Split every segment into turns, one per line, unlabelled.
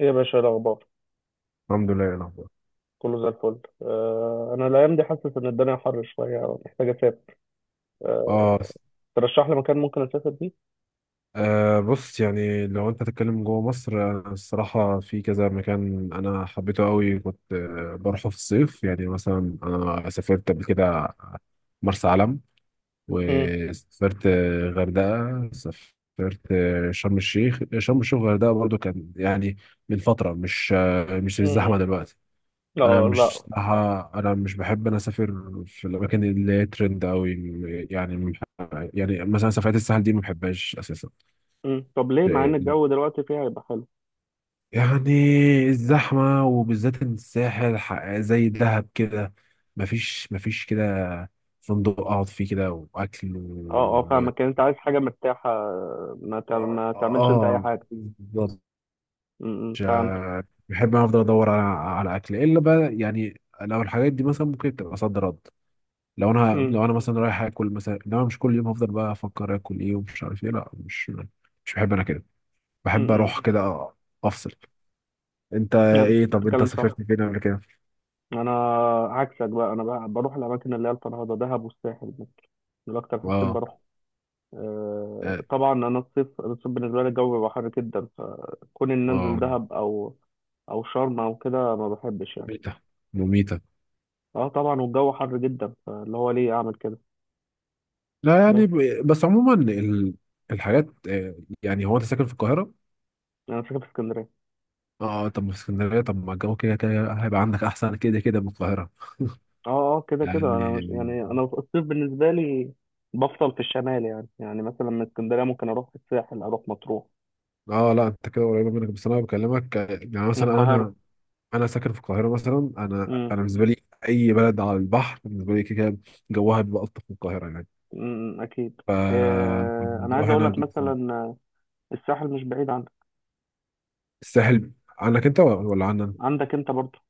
ايه يا باشا، إيه الاخبار؟
الحمد لله يا الاخبار.
كله زي الفل. انا الايام دي حاسس ان الدنيا حر شويه، محتاج اسافر. آه
اه،
ترشح لي مكان ممكن اسافر فيه.
بص يعني لو انت تتكلم جوه مصر، الصراحه في كذا مكان انا حبيته قوي، كنت بروحه في الصيف. يعني مثلا انا سافرت قبل كده مرسى علم،
امم
وسافرت غردقه، سافرت شرم الشيخ. شرم الشيخ وغردقه برضو كان يعني من فتره، مش مش
امم
الزحمه دلوقتي. انا
اه
مش،
لا.
صراحة انا مش بحب انا اسافر في الاماكن اللي هي ترند قوي. يعني م- يعني مثلا سفرات الساحل دي ما بحبهاش اساسا.
طب ليه؟ مع ان الجو دلوقتي فيها هيبقى حلو.
يعني الزحمه، وبالذات إن الساحل زي دهب كده، مفيش كده فندق اقعد فيه كده واكل
اه اه،
و...
فاهمك. يعني انت عايز حاجه مرتاحه، ما تعملش انت اي
اه
حاجه.
بالظبط. مش-
فهمت.
بحب أنا افضل ادور على على اكل الا بقى. يعني لو الحاجات دي مثلا ممكن تبقى صد رد، لو انا
امم
لو انا مثلا رايح اكل مثلا، انما مش كل يوم هفضل بقى افكر اكل ايه ومش عارف ايه. لا مش، مش بحب انا كده. بحب
امم
اروح كده افصل. انت
نعم،
ايه؟ طب انت
تتكلم صح.
سافرت فين قبل كده؟
انا عكسك بقى، انا بقى بروح الاماكن اللي هي الفرهده، دهب والساحل. دول اكتر حاجتين
اه
بروح.
اه
طبعا انا الصيف بالنسبه لي الجو بيبقى حر جدا، فكون ان انزل
آه.
دهب او شرم او كده ما بحبش يعني.
مميتة مميتة.
اه طبعا، والجو حر جدا، فاللي هو ليه اعمل كده؟
لا
بس
يعني بس عموما ال... الحاجات يعني هو انت ساكن في القاهرة؟
انا ساكن في اسكندريه.
اه طب ما في اسكندرية، طب ما الجو كده كده هيبقى عندك احسن كده كده من القاهرة
اه اه، كده كده انا مش
يعني.
يعني انا الصيف بالنسبه لي بفصل في الشمال. يعني مثلا من اسكندريه ممكن اروح الساحل، اروح مطروح،
اه لا انت كده قريبة منك، بس انا بكلمك يعني
من
مثلا
القاهره.
انا، انا ساكن في القاهره مثلا. انا انا
امم
بالنسبه لي اي بلد على البحر بالنسبه لي كده كده جوها بيبقى الطف من القاهره يعني.
أمم، اكيد.
ف-
انا عايز
فالموضوع
اقول
هنا
لك
بجد صعب.
مثلا، الساحل مش بعيد عنك،
الساحل عنك انت ولا عنا؟
عندك انت برضه.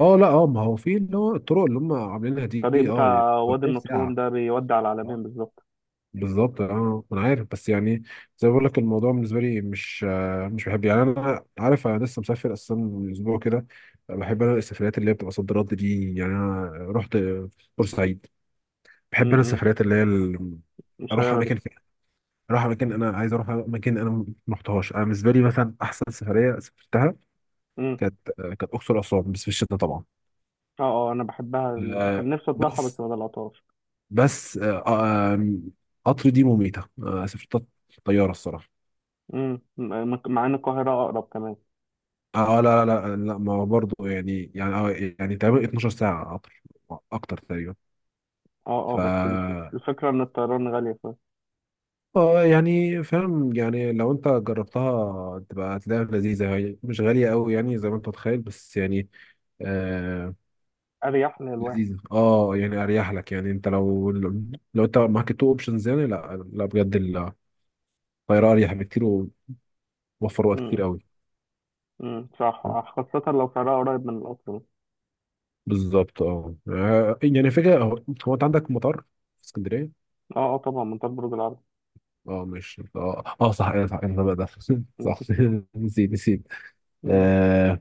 اه لا اه ما هو في اللي هو الطرق اللي هم عاملينها دي،
الطريق
اه يعني
بتاع وادي
بتبقى في
النطرون
ساعه.
ده بيودي على العلمين
آه،
بالظبط.
بالظبط اه انا عارف، بس يعني زي ما بقول لك الموضوع بالنسبه لي مش مش بحب. يعني انا عارف انا لسه مسافر اصلا من اسبوع كده. بحب انا السفريات اللي هي بتبقى صد رد دي. يعني انا رحت بورسعيد. بحب انا
امم
السفريات اللي هي اروح
المسيرة دي.
اماكن فيها، اروح اماكن انا عايز اروح اماكن انا ما رحتهاش. انا بالنسبه لي مثلا احسن سفريه سافرتها
امم
كانت اقصر اسوان، بس في الشتاء طبعا.
اه اه، انا بحبها، كان
آه،
نفسي اطلعها بس
بس
ما طلعتهاش.
بس آه، آه، قطر دي مميته. سافرت طياره الصراحه.
امم مع ان القاهرة اقرب كمان.
اه لا ما هو برضه يعني يعني، يعني تقريبا 12 ساعه قطر اكتر تقريبا.
اه
ف
اه، بس الفكرة ان الطيران غالية،
اه يعني فاهم. يعني لو انت جربتها تبقى هتلاقيها لذيذة، هي مش غالية قوي يعني زي ما انت متخيل، بس يعني آه
فاريح للواحد.
لذيذة. اه يعني اريح لك. يعني انت لو، لو انت معاك التو اوبشنز يعني، لا لا بجد الطيارة اريح بكتير، ووفر وقت كتير
امم
قوي.
صح، خاصة لو سعرها قريب من القطر.
بالظبط اه يعني فكرة، هو هو انت عندك مطار في اسكندرية؟
اه اه، طبعا منطقة برج العرب.
اه مش اه اه صح، ايه صح انا بقى ده صح نسيت نسيت.
مم.
آه،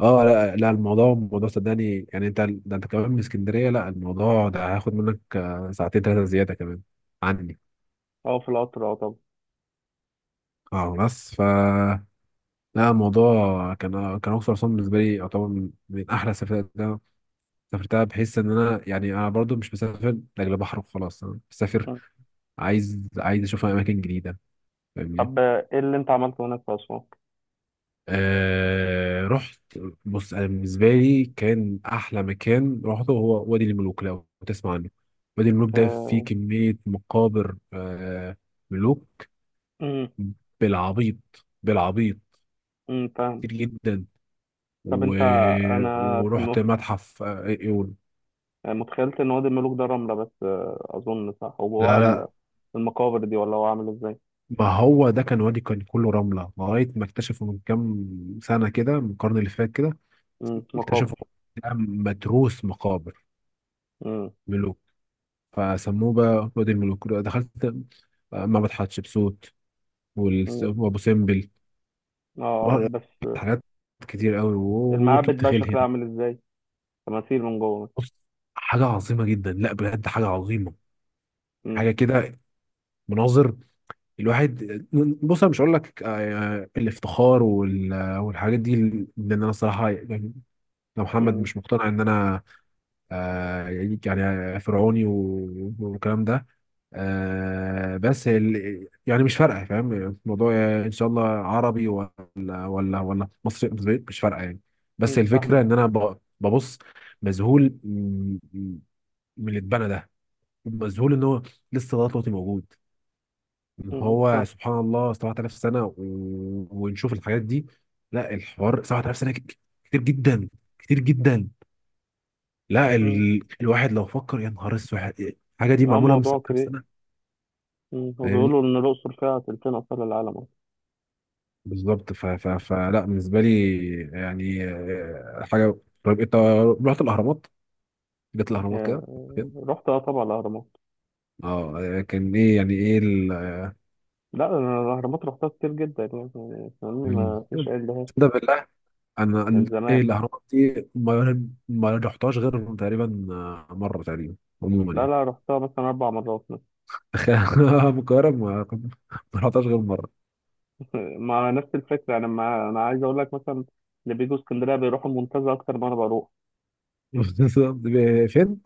اه لا لا الموضوع، الموضوع صدقني يعني انت ده انت كمان من اسكندريه. لا الموضوع ده هياخد منك ساعتين ثلاثه زياده كمان عني.
اه، في القطر، اه طبعا.
اه بس لا الموضوع كان اقصر اسوان بالنسبه لي يعتبر من من احلى السفرات اللي انا سافرتها. بحيث ان انا يعني انا برضو مش مسافر لاجل بحر وخلاص، انا مسافر
مم.
عايز عايز اشوف اماكن جديده. فاهمني؟
طب ايه اللي انت عملته هناك في اسوان؟
رحت. بص انا بالنسبه لي كان احلى مكان رحته هو وادي الملوك، لو تسمع عنه. وادي الملوك ده فيه
آه،
كميه مقابر آه ملوك
امم
بالعبيط بالعبيط
فاهم.
كتير جدا
طب
و...
انت انا
ورحت متحف ايون.
يعني متخيلت ان وادي الملوك ده رملة بس، اظن صح، وجواها
لا لا
المقابر دي، ولا هو عامل ازاي؟
ما هو ده كان وادي، كان كله رمله لغايه ما اكتشفوا من كام سنه كده، من القرن اللي فات كده. اكتشفوا
مقابر.
ده متروس مقابر
امم
ملوك، فسموه بقى وادي الملوك. دخلت معبد حتشبسوت
امم
وابو سمبل.
اه،
آه،
بس
حاجات كتير قوي
المعابد
وركبت
بقى
خيل
شكلها
هنا.
عامل ازاي؟ تماثيل من جوه؟
بص حاجه عظيمه جدا، لا بجد حاجه عظيمه. حاجه
امم
كده مناظر. الواحد بص، انا مش هقول لك الافتخار والحاجات دي، لان انا الصراحه يعني لو محمد
امم
مش مقتنع ان انا آه، يعني فرعوني والكلام ده. بس يعني مش فارقه فاهم الموضوع، ان شاء الله عربي ولا، ولا ولا مصري مصري، مش فارقه يعني. بس الفكره ان
فاهمك.
انا ببص مذهول من من اللي اتبنى ده، مذهول ان هو لسه لغايه دلوقتي موجود. ان هو
فاهم.
سبحان الله 7000 سنه و... ونشوف الحاجات دي. لا الحوار 7000 سنه كتير جدا، كتير جدا. لا
امم
ال... الواحد لو فكر يا نهار اسود، الحاجه دي
اه،
معموله من
موضوع
سنه
كبير.
لسنه. فاهمني؟
وبيقولوا ان الاقصر فيها تلتين اثار العالم أصلاً.
بالظبط. ف... ف... فلا بالنسبه لي، يعني حاجه. طيب انت رحت الاهرامات؟ جت الاهرامات كده كده؟
رحت، اه طبعا الاهرامات.
اه كان ايه يعني ايه ال...
لا، انا الاهرامات رحتها كتير جدا. يعني فاهمني،
مم.
ما فيش عيب لهاش.
تصدق بالله،
من
ايه
زمان.
الاهرامات دي ما ما رحتهاش غير تقريبا مره تقريبا. عموما
لا
يعني
لا، رحتها مثلا اربع مرات.
تخيل أنا من القاهره ما ما رحتهاش غير مره.
مع نفس الفكره، انا عايز اقول لك مثلا، اللي بيجوا اسكندريه بيروحوا المنتزه اكتر ما انا بروح.
بالظبط. فين؟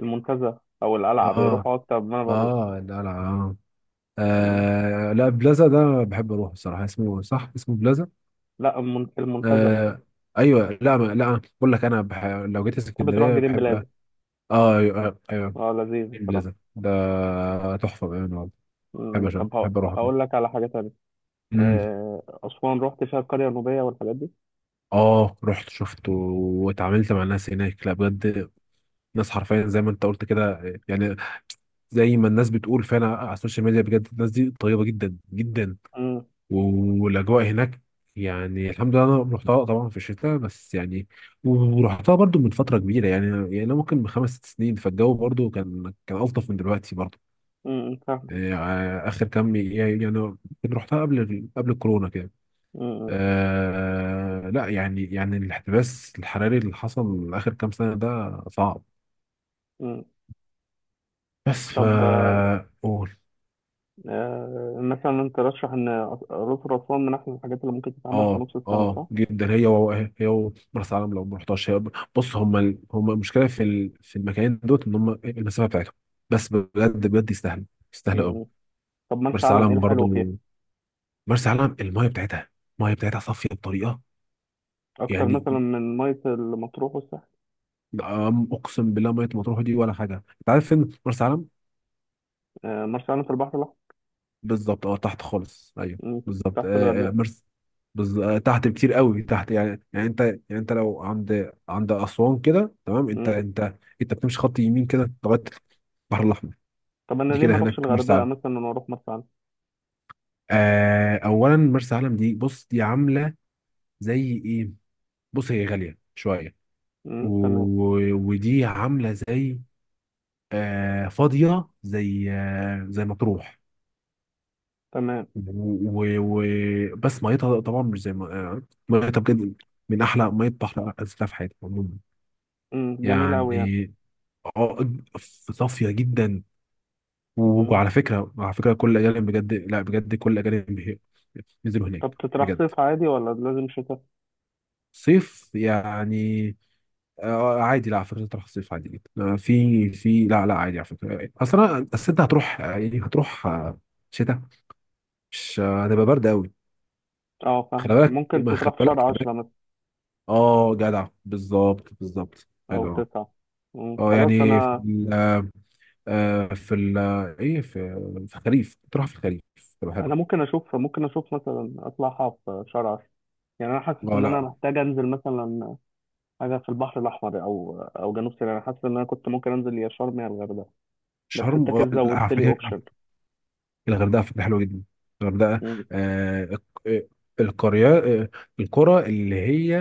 المنتزه او القلعه
اه
بيروحوا اكتر ما انا بروح.
اه لا لا آه.
م.
آه لا بلازا ده بحب اروح بصراحه، اسمه صح اسمه بلازا.
لا، المنتزه.
آه ايوه لا ما لا بقول لك انا بح... لو جيت
تحب تروح
اسكندريه
جرين
بحب.
بلازا؟
اه ايوه ايوه.
اه، لذيذ بصراحه.
بلازا ده تحفه بامانه والله. بحب أشوف.
طب
بحب اروح هناك.
هقول لك على حاجه تانية،
امم
اسوان رحت فيها القريه النوبيه والحاجات دي.
اه رحت شفته واتعاملت مع الناس هناك. لا بجد ناس حرفيا زي ما انت قلت كده يعني، زي ما الناس بتقول فعلا على السوشيال ميديا، بجد الناس دي طيبه جدا جدا.
امم
والاجواء هناك يعني الحمد لله. انا رحتها طبعا في الشتاء بس يعني، ورحتها برضو من فتره كبيره يعني يعني، أنا ممكن من خمس ست سنين، فالجو برضو كان الطف من دلوقتي برضو
فاهم.
يعني. اخر كام يعني يعني كنت رحتها قبل، قبل الكورونا كده.
امم
آه لا يعني يعني الاحتباس الحراري اللي حصل اخر كام سنه ده صعب.
امم
بس
طب مثلا انت ترشح ان الأقصر وأسوان من أحسن الحاجات اللي ممكن تتعمل في
اه
نص السنة،
اه
صح؟
جدا. هي و... هي و... مرسى علم لو ما رحتهاش هي. بص هم ال... هم المشكله في ال... في المكانين دوت ان هم المسافه بتاعتهم، بس بجد بجد يستاهلوا، يستاهلوا قوي.
امم طب مرسى
مرسى
علم، ايه
علم برضو،
الحلو فيها؟
مرسى علم المايه بتاعتها، المايه بتاعتها صافيه بطريقه
اكتر
يعني.
مثلا من ميه المطروح والساحل؟
اقسم بالله ميه مطروح دي ولا حاجه. انت عارف فين مرسى علم؟
مرسى علم في البحر الاحمر.
بالظبط اه تحت خالص ايوه.
مم.
بالظبط
تحت الغردقه.
مرس آه تحت بكتير قوي تحت. يعني يعني انت يعني انت لو عند عند اسوان كده تمام، انت
مم.
انت انت بتمشي خط يمين كده لغايه البحر الاحمر.
طب انا
دي
ليه ما
كده
اروحش
هناك مرسى
الغردقه
علم.
مثلا، واروح مرسى علم؟
آه اولا مرسى علم دي بص دي عامله زي ايه. بص هي غاليه شويه و...
مم. تمام.
ودي عامله زي آه فاضيه زي آه زي مطروح
تمام.
و... و... بس ميتها طبعا مش زي ما ميتها بجد من احلى ميه بحر نزلتها في حياتي عموما
جميل قوي يعني.
يعني. اه صافيه جدا.
مم.
وعلى فكره، على فكره كل الاجانب بجد، لا بجد كل الاجانب نزلوا هناك
طب تطرح
بجد.
صيف عادي ولا لازم شتاء؟
صيف يعني عادي. لا على فكره تروح الصيف عادي جدا. في لا لا عادي على فكره. اصل انا أصل انت هتروح يعني هتروح شتاء، مش هتبقى برد قوي.
اه
خلي
فاهمك،
بالك
ممكن
ما خلي
تطرح في شهر
بالك
عشرة مثلا،
اه جدع بالظبط بالظبط
او
حلو أوي.
تسعة. مم.
اه
خلاص،
يعني في
انا
ال آه، في ال ايه في في الخريف، تروح في الخريف تبقى
انا
حلو.
ممكن اشوف، مثلا اطلعها في شهر 10. يعني انا حاسس
اه
ان انا
لا
محتاج انزل مثلا حاجه في البحر الاحمر او جنوب سيناء. انا حاسس ان انا كنت ممكن انزل يا شرم يا الغردقه. بس
شرم
انت كده
لا على
زودت لي
فكره
اوبشن.
الغردقه فكره حلوه جدا. الغردقه آه الق- آه، القريه، آه، القرى اللي هي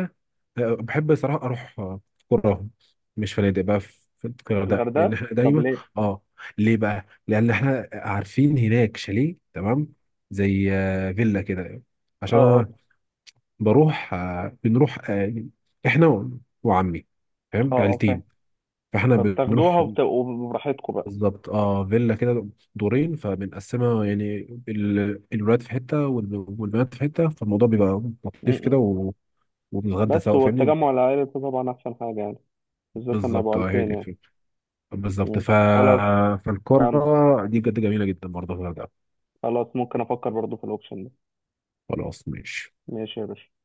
بحب صراحة أروح قراهم، مش فنادق بقى في في الغردقة، لأن
الغردقه.
إحنا
طب
دايما
ليه؟
آه ليه بقى؟ لأن إحنا عارفين هناك شاليه تمام زي فيلا كده.
اه
عشان
اه
أنا بروح آه، بنروح آه، إحنا وعمي فاهم؟
اه اه، فاهم.
عيلتين. فإحنا
طب تاخدوها
بنروح،
وبتبقوا براحتكم بقى؟
بالظبط آه فيلا كده دورين، فبنقسمها يعني الولاد في حتة والبنات في حتة، فالموضوع بيبقى لطيف كده
م-م.
و- وبنتغدى
بس
سوا فاهمني.
والتجمع العائلي ده طبعا احسن حاجه يعني، بالذات لما يبقوا
بالظبط اه هي
عيلتين
دي
يعني.
الفكرة، بالظبط
م. خلاص. فهمت.
فالقارة دي بجد جميلة جدا برضه في الغردقة.
خلاص، ممكن افكر برضو في الاوبشن ده.
خلاص ماشي.
ماشي يا باشا.